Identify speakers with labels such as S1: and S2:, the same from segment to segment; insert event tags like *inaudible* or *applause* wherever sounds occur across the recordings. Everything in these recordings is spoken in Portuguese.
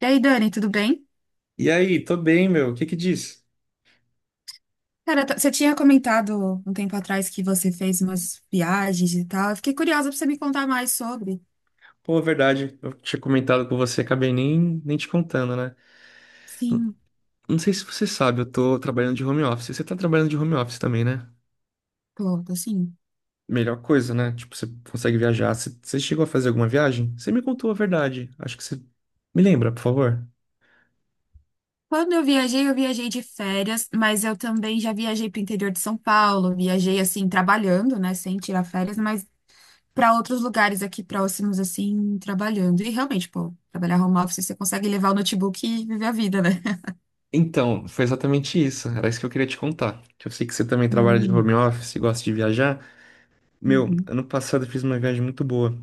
S1: E aí, Dani, tudo bem?
S2: E aí, tô bem, meu. O que que diz?
S1: Cara, você tinha comentado um tempo atrás que você fez umas viagens e tal. Eu fiquei curiosa pra você me contar mais sobre.
S2: Pô, é verdade, eu tinha comentado com você, acabei nem te contando, né? Não,
S1: Sim,
S2: não sei se você sabe, eu tô trabalhando de home office. Você tá trabalhando de home office também, né?
S1: Clodo, sim.
S2: Melhor coisa, né? Tipo, você consegue viajar. Você chegou a fazer alguma viagem? Você me contou a verdade. Acho que você. Me lembra, por favor.
S1: Quando eu viajei de férias, mas eu também já viajei pro interior de São Paulo. Viajei, assim, trabalhando, né, sem tirar férias, mas pra outros lugares aqui próximos, assim, trabalhando. E realmente, pô, trabalhar home office, você consegue levar o notebook e viver a vida, né? *laughs*
S2: Então, foi exatamente isso. Era isso que eu queria te contar. Que eu sei que você também trabalha de
S1: Hum,
S2: home office e gosta de viajar. Meu,
S1: uhum.
S2: ano passado eu fiz uma viagem muito boa.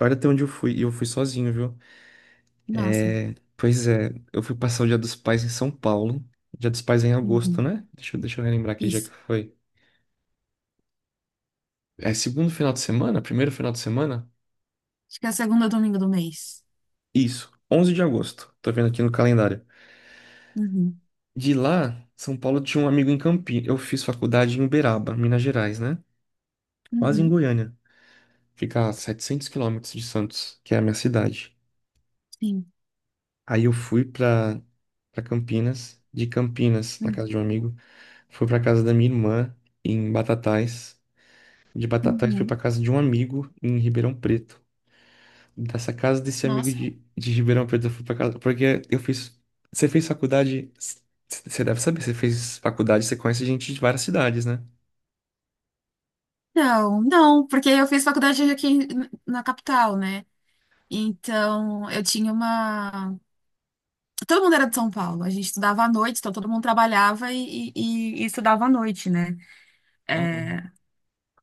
S2: Olha até onde eu fui. E eu fui sozinho, viu?
S1: Nossa.
S2: Pois é, eu fui passar o Dia dos Pais em São Paulo. Dia dos Pais é em agosto,
S1: Uhum.
S2: né? Deixa, deixa eu relembrar aqui já que
S1: Isso.
S2: foi. É segundo final de semana? Primeiro final de semana?
S1: Acho que é o segundo domingo do mês.
S2: Isso, 11 de agosto. Tô vendo aqui no calendário.
S1: Uhum.
S2: De lá, São Paulo tinha um amigo em Campinas. Eu fiz faculdade em Uberaba, Minas Gerais, né? Quase em
S1: Uhum,
S2: Goiânia. Fica a 700 quilômetros de Santos, que é a minha cidade.
S1: sim.
S2: Aí eu fui pra Campinas, de Campinas, na
S1: Hum,
S2: casa de um amigo. Fui pra casa da minha irmã, em Batatais. De Batatais, fui
S1: uhum.
S2: pra casa de um amigo em Ribeirão Preto. Dessa casa desse amigo
S1: Nossa.
S2: de Ribeirão Preto, eu fui pra casa. Porque eu fiz. Você fez faculdade. Você deve saber, você fez faculdade, você conhece gente de várias cidades, né?
S1: Não, não, porque eu fiz faculdade aqui na capital, né? Então, eu tinha uma. Todo mundo era de São Paulo. A gente estudava à noite, então todo mundo trabalhava e estudava à noite, né?
S2: Aham.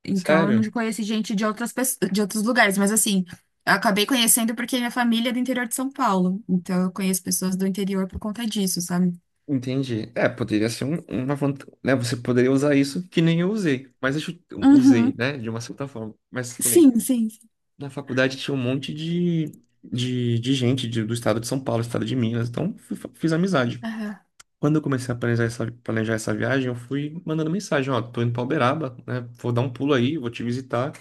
S1: Então, eu não
S2: Sério?
S1: conheci gente de outras pessoas, de outros lugares, mas assim, eu acabei conhecendo porque minha família é do interior de São Paulo. Então, eu conheço pessoas do interior por conta disso, sabe?
S2: Entendi. É, poderia ser uma vantagem, né? Você poderia usar isso que nem eu usei, mas eu usei,
S1: Uhum.
S2: né? De uma certa forma, mas que nem.
S1: Sim, sim.
S2: Na faculdade tinha um monte de gente do estado de São Paulo, estado de Minas, então fiz amizade.
S1: Aham.
S2: Quando eu comecei a planejar essa viagem, eu fui mandando mensagem, ó, tô indo pra Uberaba, né? Vou dar um pulo aí, vou te visitar.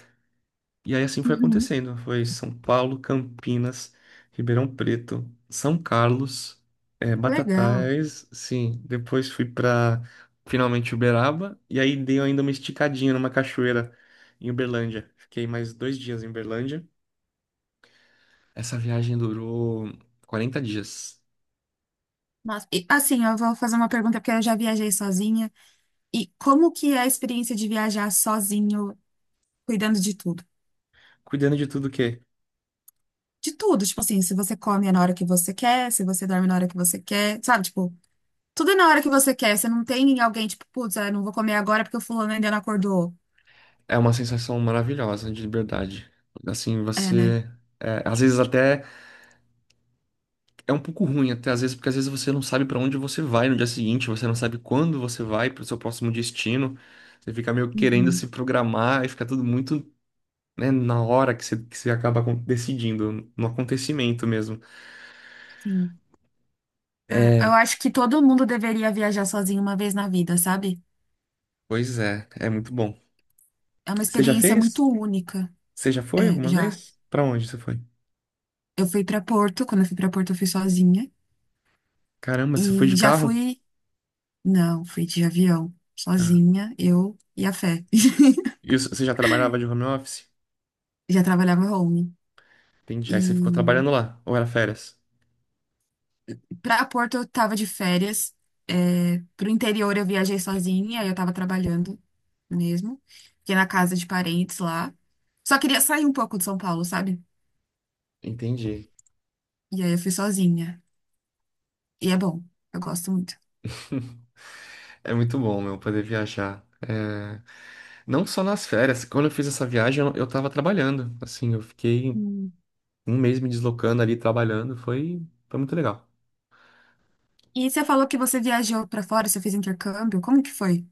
S2: E aí assim foi
S1: Uhum.
S2: acontecendo. Foi São Paulo, Campinas, Ribeirão Preto, São Carlos,
S1: Legal.
S2: Batatais, sim. Depois fui pra finalmente Uberaba e aí dei ainda uma esticadinha numa cachoeira em Uberlândia. Fiquei mais 2 dias em Uberlândia. Essa viagem durou 40 dias.
S1: Nossa, e, assim, eu vou fazer uma pergunta porque eu já viajei sozinha. E como que é a experiência de viajar sozinho, cuidando de tudo?
S2: Cuidando de tudo o quê?
S1: De tudo, tipo assim, se você come é na hora que você quer, se você dorme na hora que você quer, sabe? Tipo, tudo é na hora que você quer. Você não tem alguém, tipo, putz, eu não vou comer agora porque o fulano ainda não acordou.
S2: É uma sensação maravilhosa de liberdade. Assim,
S1: É, né?
S2: você. É, às vezes até é um pouco ruim, até às vezes, porque às vezes você não sabe para onde você vai no dia seguinte, você não sabe quando você vai para o seu próximo destino. Você fica meio querendo se
S1: Uhum,
S2: programar e fica tudo muito, né, na hora que você acaba decidindo, no acontecimento mesmo.
S1: sim. É,
S2: É,
S1: eu acho que todo mundo deveria viajar sozinho uma vez na vida, sabe?
S2: pois é, é muito bom.
S1: É uma
S2: Você já
S1: experiência
S2: fez?
S1: muito única.
S2: Você já foi
S1: É,
S2: alguma
S1: já.
S2: vez? Para onde você foi?
S1: Eu fui pra Porto, quando eu fui pra Porto eu fui sozinha.
S2: Caramba, você foi de
S1: E já
S2: carro?
S1: fui. Não, fui de avião,
S2: Ah.
S1: sozinha, eu e a Fé. *laughs*
S2: E você já trabalhava de home office?
S1: Já trabalhava home.
S2: Entendi.
S1: E
S2: Aí você ficou trabalhando lá, ou era férias?
S1: pra Porto eu tava de férias. É, pro interior eu viajei sozinha, aí eu tava trabalhando mesmo. Fiquei na casa de parentes lá. Só queria sair um pouco de São Paulo, sabe?
S2: Entendi.
S1: E aí eu fui sozinha. E é bom, eu gosto muito.
S2: *laughs* É muito bom, meu, poder viajar. É, não só nas férias. Quando eu fiz essa viagem, eu tava trabalhando. Assim, eu fiquei
S1: Hum.
S2: um mês me deslocando ali, trabalhando. Foi muito legal.
S1: E você falou que você viajou pra fora, você fez intercâmbio, como que foi?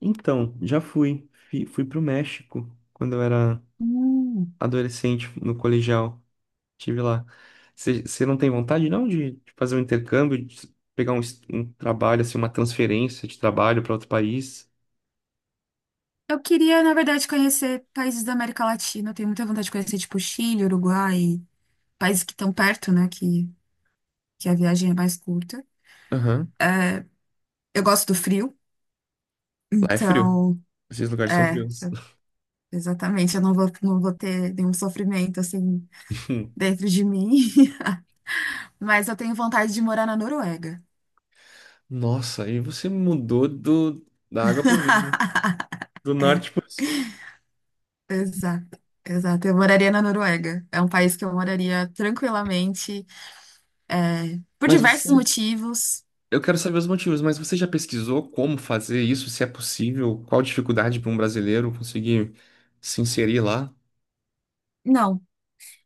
S2: Então, já fui. Fui pro México quando eu era
S1: Hum.
S2: adolescente, no colegial. Tive lá. Você não tem vontade, não, de fazer um intercâmbio, de pegar um trabalho, assim, uma transferência de trabalho para outro país?
S1: Eu queria, na verdade, conhecer países da América Latina. Eu tenho muita vontade de conhecer, tipo, Chile, Uruguai, países que estão perto, né? Que a viagem é mais curta.
S2: Aham.
S1: É, eu gosto do frio,
S2: Lá é frio.
S1: então,
S2: Esses lugares são
S1: é,
S2: frios.
S1: sabe, exatamente. Eu não vou, não vou ter nenhum sofrimento, assim,
S2: *laughs*
S1: dentro de mim. *laughs* Mas eu tenho vontade de morar na Noruega.
S2: Nossa, aí você mudou do, da água pro vinho,
S1: *laughs*
S2: do
S1: É,
S2: norte pro sul.
S1: exato. Exato, eu moraria na Noruega. É um país que eu moraria tranquilamente, é, por
S2: Mas você,
S1: diversos motivos.
S2: eu quero saber os motivos, mas você já pesquisou como fazer isso, se é possível, qual a dificuldade para um brasileiro conseguir se inserir lá?
S1: Não.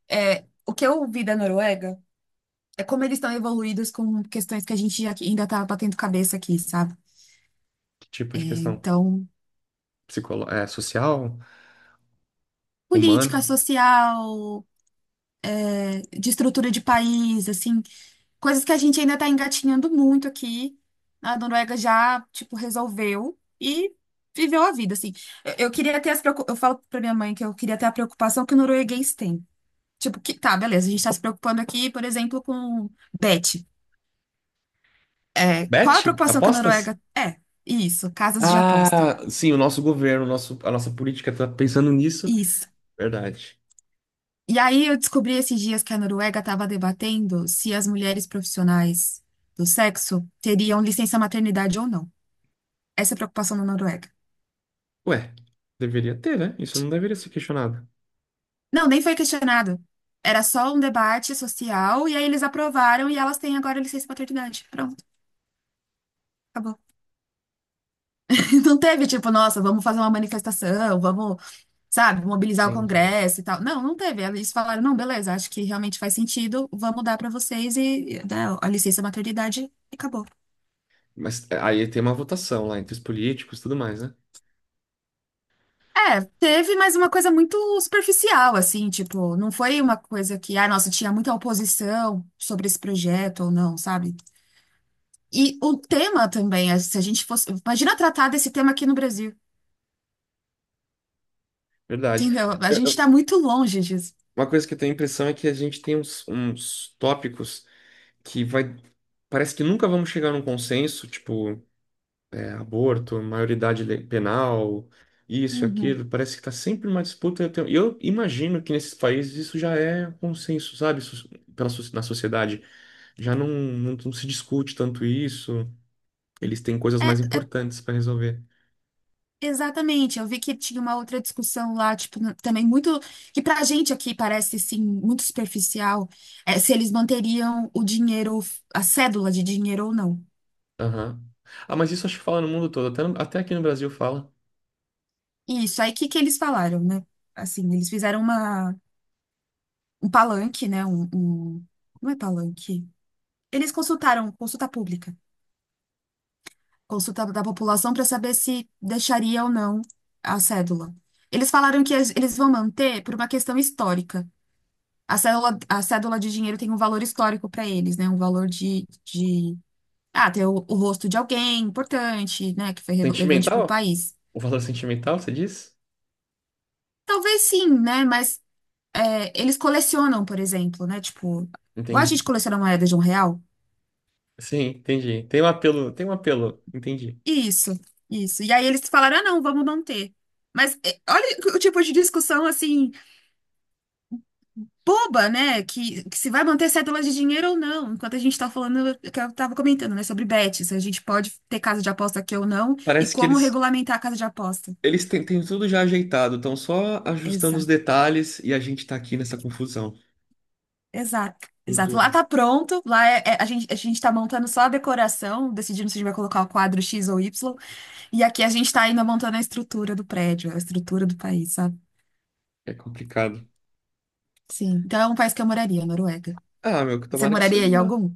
S1: É, o que eu vi da Noruega é como eles estão evoluídos com questões que a gente ainda tá batendo cabeça aqui, sabe?
S2: Que tipo
S1: É,
S2: de questão?
S1: então,
S2: Psicolo... É, social?
S1: política
S2: Humana?
S1: social, é, de estrutura de país, assim, coisas que a gente ainda está engatinhando muito aqui. A Noruega já, tipo, resolveu e viveu a vida, assim. Eu queria ter as eu falo pra minha mãe que eu queria ter a preocupação que o norueguês tem. Tipo, que tá, beleza, a gente tá se preocupando aqui, por exemplo, com Bet. É, qual a
S2: Bet?
S1: preocupação que a
S2: Apostas?
S1: Noruega. É, isso, casas de aposta.
S2: Ah, sim, o nosso governo, o nosso, a nossa política tá pensando nisso.
S1: Isso.
S2: Verdade.
S1: E aí eu descobri esses dias que a Noruega estava debatendo se as mulheres profissionais do sexo teriam licença maternidade ou não. Essa é a preocupação na Noruega.
S2: Ué, deveria ter, né? Isso não deveria ser questionado.
S1: Não, nem foi questionado. Era só um debate social e aí eles aprovaram e elas têm agora licença maternidade. Pronto, acabou. *laughs* Não teve tipo, nossa, vamos fazer uma manifestação, vamos. Sabe, mobilizar o
S2: Entendi.
S1: Congresso e tal. Não, não teve. Eles falaram, não, beleza, acho que realmente faz sentido, vamos dar para vocês e né, a licença maternidade e acabou.
S2: Mas aí tem uma votação lá entre os políticos e tudo mais, né?
S1: É, teve, mas uma coisa muito superficial, assim, tipo, não foi uma coisa que, ah, nossa, tinha muita oposição sobre esse projeto ou não, sabe? E o tema também, é, se a gente fosse. Imagina tratar desse tema aqui no Brasil,
S2: Verdade.
S1: entendeu? A
S2: Eu-
S1: gente tá
S2: eu-
S1: muito longe disso.
S2: uma coisa que eu tenho a impressão é que a gente tem uns tópicos que vai. Parece que nunca vamos chegar num consenso, tipo, é, aborto, maioridade penal, isso,
S1: Uhum.
S2: aquilo. Parece que tá sempre uma disputa. Eu imagino que nesses países isso já é consenso, sabe? Pela, na sociedade. Já não se discute tanto isso. Eles têm coisas mais importantes para resolver.
S1: Exatamente, eu vi que tinha uma outra discussão lá, tipo, também muito, que pra gente aqui parece, sim, muito superficial, é, se eles manteriam o dinheiro, a cédula de dinheiro ou não.
S2: Aham. Ah, mas isso acho que fala no mundo todo, até, até aqui no Brasil fala.
S1: E isso, aí o que que eles falaram, né? Assim, um palanque, né, não é palanque, eles consultaram, consulta pública, consulta da população para saber se deixaria ou não a cédula. Eles falaram que eles vão manter por uma questão histórica. A cédula de dinheiro tem um valor histórico para eles, né? Um valor de... Ah, ter o rosto de alguém importante, né? Que foi relevante para o
S2: Sentimental?
S1: país.
S2: O valor sentimental, você diz?
S1: Talvez sim, né? Mas é, eles colecionam, por exemplo, né? Tipo, igual a
S2: Entendi.
S1: gente coleciona moeda de um real.
S2: Sim, entendi. Tem um apelo, entendi.
S1: Isso, isso. E aí eles falaram, ah, não, vamos não ter. Mas é, olha o tipo de discussão, assim, boba, né? Que se vai manter cédula de dinheiro ou não. Enquanto a gente tá falando, que eu tava comentando, né, sobre bet, se a gente pode ter casa de aposta aqui ou não, e
S2: Parece que
S1: como
S2: eles
S1: regulamentar a casa de aposta.
S2: eles têm, têm tudo já ajeitado, estão só ajustando os
S1: Exato,
S2: detalhes e a gente tá aqui nessa confusão.
S1: exato, exato.
S2: Cultura.
S1: Lá tá pronto, lá é, a gente tá montando só a decoração, decidindo se a gente vai colocar o quadro X ou Y, e aqui a gente tá ainda montando a estrutura do prédio, a estrutura do país, sabe?
S2: É complicado.
S1: Sim. Então é um país que eu moraria, Noruega.
S2: Ah, meu, que
S1: Você
S2: tomara que você
S1: moraria em
S2: vá.
S1: algum?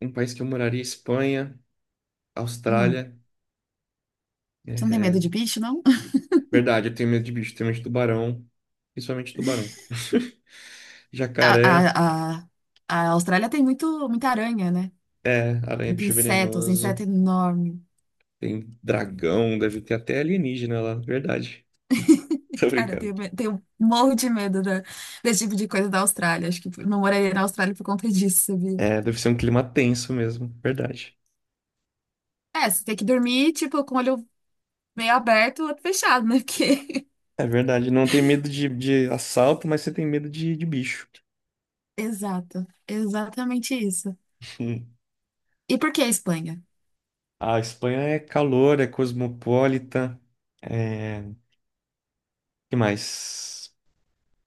S2: Um país que eu moraria, Espanha,
S1: Hum.
S2: Austrália.
S1: Você não tem medo
S2: É,
S1: de bicho, não?
S2: verdade, eu tenho medo de bicho, tenho medo de tubarão, principalmente tubarão. *laughs*
S1: A,
S2: Jacaré,
S1: a, a, a Austrália tem muita aranha, né?
S2: é, aranha,
S1: Muito
S2: bicho
S1: inseto, os
S2: venenoso.
S1: insetos enormes.
S2: Tem dragão, deve ter até alienígena lá, verdade. *laughs*
S1: *laughs*
S2: Tô
S1: Cara, eu
S2: brincando.
S1: tenho, tenho um morro de medo desse tipo de coisa da Austrália. Acho que não moraria na Austrália por conta disso, sabia?
S2: É, deve ser um clima tenso mesmo, verdade.
S1: É, você tem que dormir, tipo, com o olho meio aberto, o outro fechado, né? Porque...
S2: É verdade, não tem medo de assalto, mas você tem medo de bicho.
S1: *laughs* Exato, exatamente isso.
S2: Hum.
S1: E por que a Espanha?
S2: A Espanha é calor, é cosmopolita, é... que mais?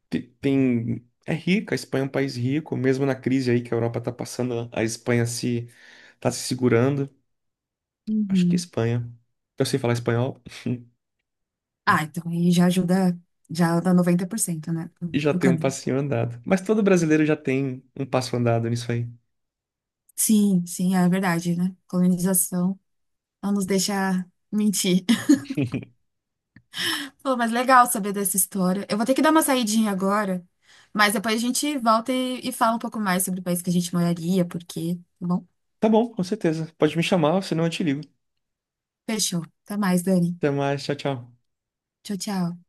S2: Tem... É rica, a Espanha é um país rico, mesmo na crise aí que a Europa tá passando, a Espanha se tá se segurando. Acho que é
S1: Uhum.
S2: Espanha. Eu sei falar espanhol.
S1: Ah, então aí já ajuda, já dá 90%, né, do
S2: E já
S1: do
S2: tem um
S1: caminho.
S2: passinho andado. Mas todo brasileiro já tem um passo andado nisso aí.
S1: Sim, sim, é verdade, né? Colonização não nos deixa mentir. Pô, mas legal saber dessa história. Eu vou ter que dar uma saidinha agora, mas depois a gente volta e fala um pouco mais sobre o país que a gente moraria, por quê, tá bom?
S2: Tá bom, com certeza. Pode me chamar, senão eu te ligo.
S1: Fechou. Até mais, Dani.
S2: Até mais, tchau, tchau.
S1: Tchau, tchau.